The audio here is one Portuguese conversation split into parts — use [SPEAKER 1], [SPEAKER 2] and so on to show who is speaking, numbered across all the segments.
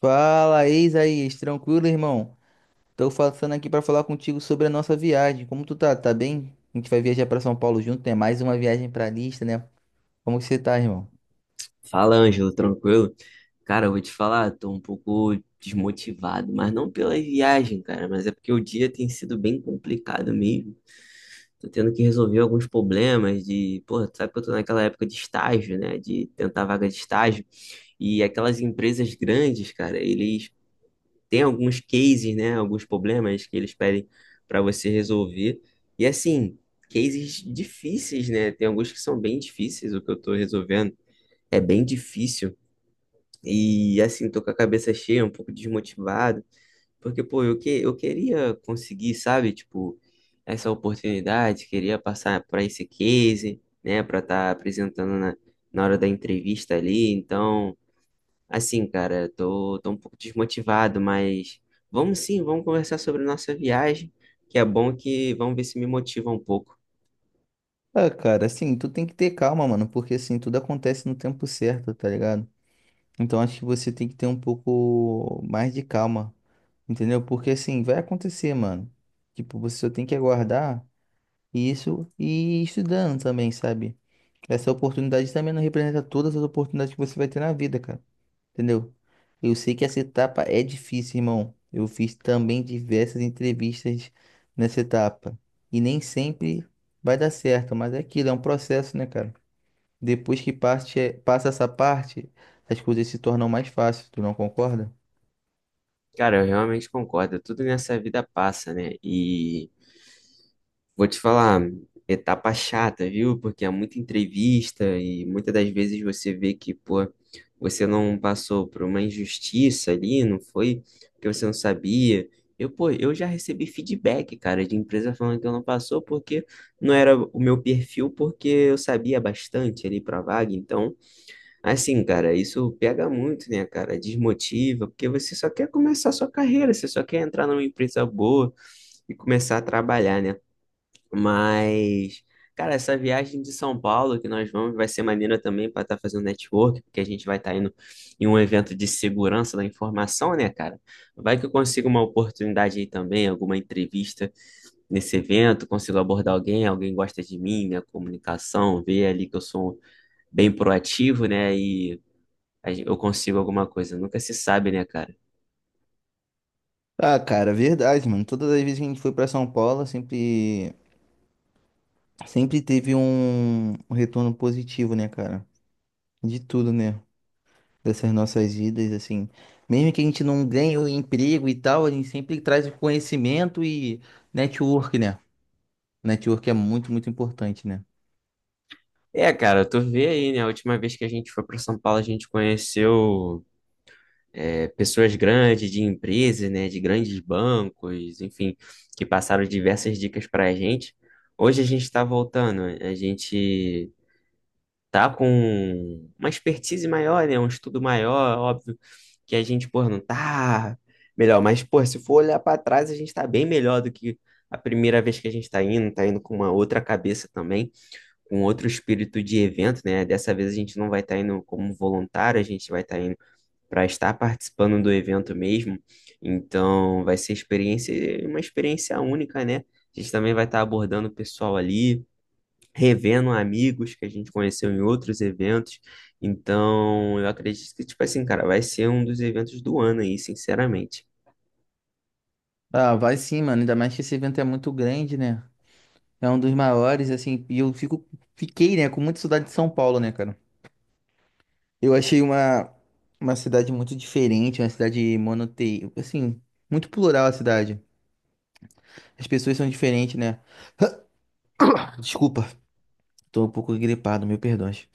[SPEAKER 1] Fala, Isaías, tranquilo, irmão? Tô passando aqui pra falar contigo sobre a nossa viagem. Como tu tá? Tá bem? A gente vai viajar pra São Paulo junto, né? Mais uma viagem pra lista, né? Como que você tá, irmão?
[SPEAKER 2] Fala, Ângelo, tranquilo? Cara, eu vou te falar, tô um pouco desmotivado, mas não pela viagem, cara, mas é porque o dia tem sido bem complicado mesmo. Tô tendo que resolver alguns problemas de, porra, tu sabe que eu tô naquela época de estágio, né? De tentar vaga de estágio. E aquelas empresas grandes, cara, eles têm alguns cases, né? Alguns problemas que eles pedem pra você resolver. E assim, cases difíceis, né? Tem alguns que são bem difíceis, o que eu tô resolvendo é bem difícil. E assim, tô com a cabeça cheia, um pouco desmotivado, porque, pô, eu queria conseguir, sabe, tipo, essa oportunidade, queria passar para esse case, né, para estar apresentando na hora da entrevista ali. Então, assim, cara, tô um pouco desmotivado, mas vamos sim, vamos conversar sobre nossa viagem, que é bom que vamos ver se me motiva um pouco.
[SPEAKER 1] Ah, cara, assim, tu tem que ter calma, mano, porque assim, tudo acontece no tempo certo, tá ligado? Então acho que você tem que ter um pouco mais de calma, entendeu? Porque assim, vai acontecer, mano. Tipo, você só tem que aguardar isso e ir estudando também, sabe? Essa oportunidade também não representa todas as oportunidades que você vai ter na vida, cara. Entendeu? Eu sei que essa etapa é difícil, irmão. Eu fiz também diversas entrevistas nessa etapa. E nem sempre vai dar certo, mas é aquilo, é um processo, né, cara? Depois que parte, passa essa parte, as coisas se tornam mais fáceis, tu não concorda?
[SPEAKER 2] Cara, eu realmente concordo, tudo nessa vida passa, né? E. Vou te falar, etapa chata, viu? Porque é muita entrevista e muitas das vezes você vê que, pô, você não passou por uma injustiça ali, não foi porque você não sabia. Eu, pô, eu já recebi feedback, cara, de empresa falando que eu não passou porque não era o meu perfil, porque eu sabia bastante ali pra vaga. Então, assim, cara, isso pega muito, né, cara? Desmotiva, porque você só quer começar a sua carreira, você só quer entrar numa empresa boa e começar a trabalhar, né? Mas, cara, essa viagem de São Paulo que nós vamos vai ser maneira também para estar fazendo network, porque a gente vai estar indo em um evento de segurança da informação, né, cara? Vai que eu consigo uma oportunidade aí também, alguma entrevista nesse evento, consigo abordar alguém, alguém gosta de mim, minha comunicação, ver ali que eu sou bem proativo, né, e eu consigo alguma coisa. Nunca se sabe, né, cara?
[SPEAKER 1] Ah, cara, verdade, mano. Todas as vezes que a gente foi pra São Paulo, sempre, sempre teve um retorno positivo, né, cara? De tudo, né? Dessas nossas vidas, assim. Mesmo que a gente não ganhe o emprego e tal, a gente sempre traz o conhecimento e network, né? Network é muito, muito importante, né?
[SPEAKER 2] É, cara, tu vê aí, né? A última vez que a gente foi para São Paulo, a gente conheceu. É, pessoas grandes, de empresas, né, de grandes bancos, enfim, que passaram diversas dicas para a gente. Hoje a gente está voltando, a gente tá com uma expertise maior, né, um estudo maior, óbvio, que a gente, pô, não tá melhor, mas, pô, se for olhar para trás, a gente tá bem melhor do que a primeira vez que a gente está indo, tá indo com uma outra cabeça também, com outro espírito de evento, né? Dessa vez a gente não vai estar indo como voluntário, a gente vai estar para estar participando do evento mesmo. Então, vai ser experiência, uma experiência única, né? A gente também vai estar abordando o pessoal ali, revendo amigos que a gente conheceu em outros eventos. Então, eu acredito que, tipo assim, cara, vai ser um dos eventos do ano aí, sinceramente.
[SPEAKER 1] Ah, vai sim, mano. Ainda mais que esse evento é muito grande, né? É um dos maiores, assim. E fiquei, né, com muita saudade de São Paulo, né, cara? Eu achei uma cidade muito diferente, uma cidade monote... Assim, muito plural a cidade. As pessoas são diferentes, né? Desculpa, tô um pouco gripado, meu perdões.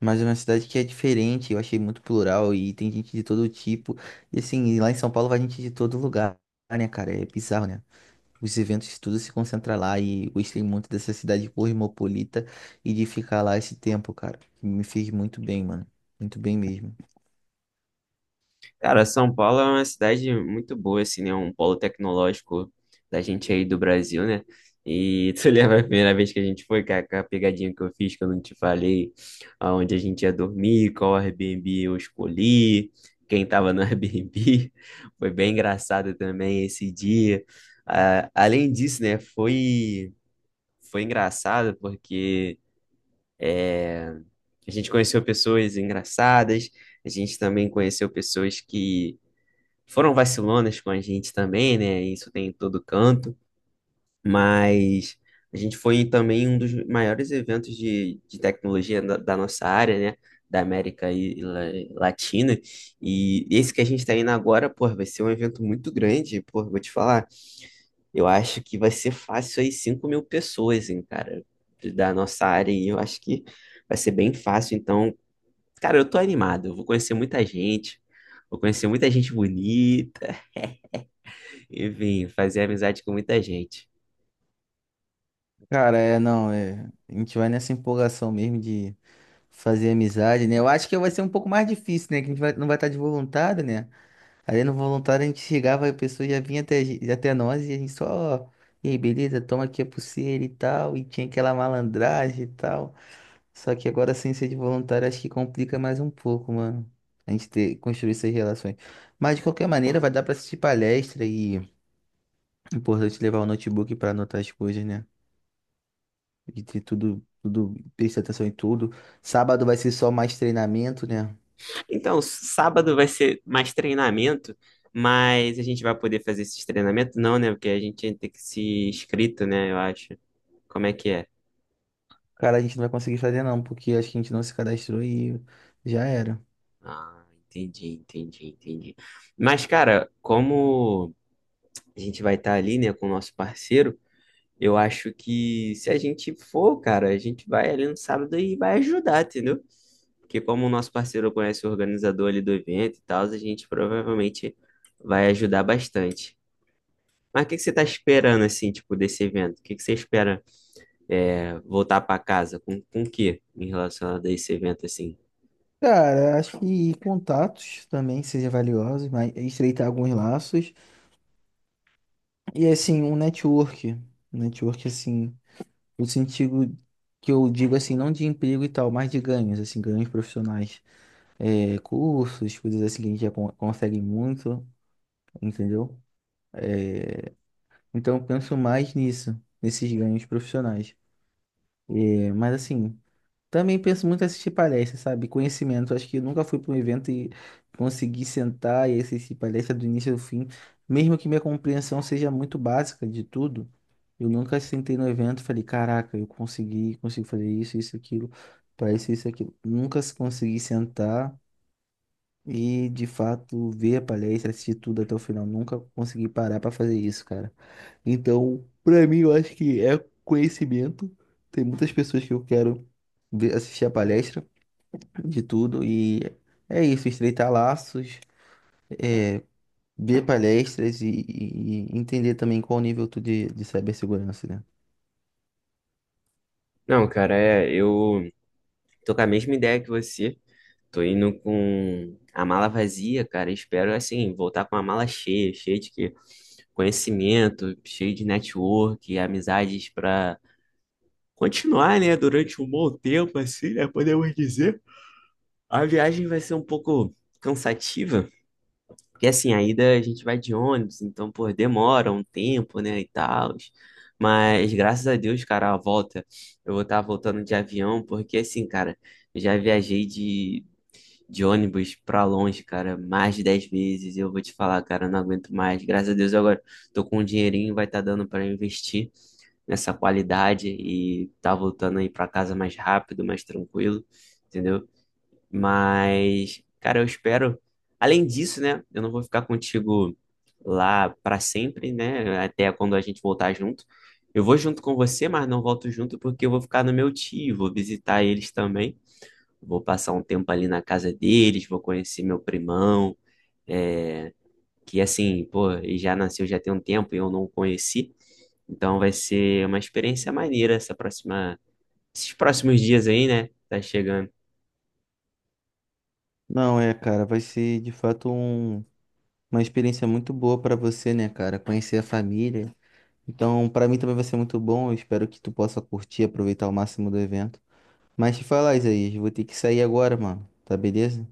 [SPEAKER 1] Mas é uma cidade que é diferente, eu achei muito plural e tem gente de todo tipo. E assim, lá em São Paulo vai gente de todo lugar, né, cara? É bizarro, né? Os eventos tudo se concentra lá e eu gostei muito dessa cidade cosmopolita e de ficar lá esse tempo, cara. Me fez muito bem, mano. Muito bem mesmo.
[SPEAKER 2] Cara, São Paulo é uma cidade muito boa, assim, né? Um polo tecnológico da gente aí do Brasil, né? E tu lembra a primeira vez que a gente foi, cara, com a pegadinha que eu fiz, que eu não te falei, aonde a gente ia dormir, qual Airbnb eu escolhi, quem tava no Airbnb. Foi bem engraçado também esse dia. Ah, além disso, né, foi engraçado porque a gente conheceu pessoas engraçadas, a gente também conheceu pessoas que foram vacilonas com a gente também, né? Isso tem em todo canto, mas a gente foi também um dos maiores eventos de tecnologia da nossa área, né? Da América Latina. E esse que a gente está indo agora, pô, vai ser um evento muito grande, pô, vou te falar. Eu acho que vai ser fácil aí 5.000 pessoas, hein, cara, da nossa área. E eu acho que vai ser bem fácil. Então, cara, eu tô animado, eu vou conhecer muita gente. Vou conhecer muita gente bonita. Enfim, fazer amizade com muita gente.
[SPEAKER 1] Cara, é, não, é. A gente vai nessa empolgação mesmo de fazer amizade, né? Eu acho que vai ser um pouco mais difícil, né? Que a não vai estar de voluntário, né? Ali no voluntário a gente chegava, a pessoa já vinha até, até nós e a gente só, e aí, beleza, toma aqui a pulseira e tal, e tinha aquela malandragem e tal. Só que agora sem ser de voluntário acho que complica mais um pouco, mano. A gente ter, construir essas relações. Mas de qualquer maneira vai dar pra assistir palestra e é importante levar o notebook pra anotar as coisas, né? E ter tudo, tudo, prestar atenção em tudo. Sábado vai ser só mais treinamento, né?
[SPEAKER 2] Então, sábado vai ser mais treinamento, mas a gente vai poder fazer esses treinamentos? Não, né? Porque a gente tem que se inscrito, né? Eu acho. Como é que é?
[SPEAKER 1] Cara, a gente não vai conseguir fazer não, porque acho que a gente não se cadastrou e já era.
[SPEAKER 2] Ah, entendi, entendi, entendi. Mas, cara, como a gente vai estar ali, né, com o nosso parceiro, eu acho que se a gente for, cara, a gente vai ali no sábado e vai ajudar, entendeu? Que como o nosso parceiro conhece o organizador ali do evento e tal, a gente provavelmente vai ajudar bastante. Mas o que que você está esperando, assim, tipo, desse evento? O que que você espera é, voltar para casa? Com o quê em relação a esse evento, assim?
[SPEAKER 1] Cara, acho que contatos também seja valioso, mas estreitar alguns laços. E assim, um network. Um network, assim, no sentido que eu digo assim, não de emprego e tal, mas de ganhos, assim, ganhos profissionais. É, cursos, coisas assim que a gente consegue muito, entendeu? É, então eu penso mais nisso, nesses ganhos profissionais. É, mas assim. Também penso muito em assistir palestras, sabe? Conhecimento. Acho que eu nunca fui para um evento e consegui sentar e assistir palestra do início ao fim. Mesmo que minha compreensão seja muito básica de tudo, eu nunca sentei no evento e falei, caraca, consigo fazer isso, isso, aquilo, para isso, isso, aquilo. Nunca se- consegui sentar. E de fato ver a palestra, assistir tudo até o final, nunca consegui parar pra fazer isso, cara. Então, pra mim, eu acho que é conhecimento. Tem muitas pessoas que eu quero ver, assistir a palestra de tudo e é isso, estreitar laços, ver palestras e entender também qual o nível tu de cibersegurança, né?
[SPEAKER 2] Não, cara, é, eu tô com a mesma ideia que você. Tô indo com a mala vazia, cara. Espero, assim, voltar com a mala cheia, cheia de quê? Conhecimento, cheio de network, amizades para continuar, né, durante um bom tempo, assim, né, podemos dizer. A viagem vai ser um pouco cansativa, porque assim, a ida a gente vai de ônibus, então, pô, demora um tempo, né, e tal. Mas graças a Deus, cara, a volta, eu vou estar voltando de avião, porque assim, cara, eu já viajei de ônibus pra longe, cara, mais de 10 vezes, e eu vou te falar, cara, eu não aguento mais. Graças a Deus, agora tô com um dinheirinho, vai estar dando pra investir nessa qualidade e tá voltando aí para casa mais rápido, mais tranquilo, entendeu? Mas, cara, eu espero. Além disso, né? Eu não vou ficar contigo lá para sempre, né? Até quando a gente voltar junto. Eu vou junto com você, mas não volto junto porque eu vou ficar no meu tio, vou visitar eles também. Vou passar um tempo ali na casa deles, vou conhecer meu primão. É, que assim, pô, ele já nasceu já tem um tempo e eu não o conheci. Então vai ser uma experiência maneira essa próxima, esses próximos dias aí, né? Tá chegando.
[SPEAKER 1] Não, é, cara, vai ser de fato uma experiência muito boa pra você, né, cara? Conhecer a família. Então, para mim também vai ser muito bom. Eu espero que tu possa curtir, aproveitar ao máximo do evento. Mas te falar, Isaías, vou ter que sair agora, mano. Tá beleza?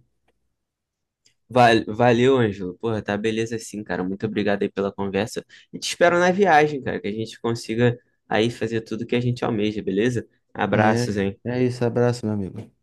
[SPEAKER 2] Valeu, Ângelo. Porra, tá beleza assim, cara. Muito obrigado aí pela conversa. E te espero na viagem, cara, que a gente consiga aí fazer tudo que a gente almeja, beleza?
[SPEAKER 1] É,
[SPEAKER 2] Abraços, hein?
[SPEAKER 1] é isso. Abraço, meu amigo.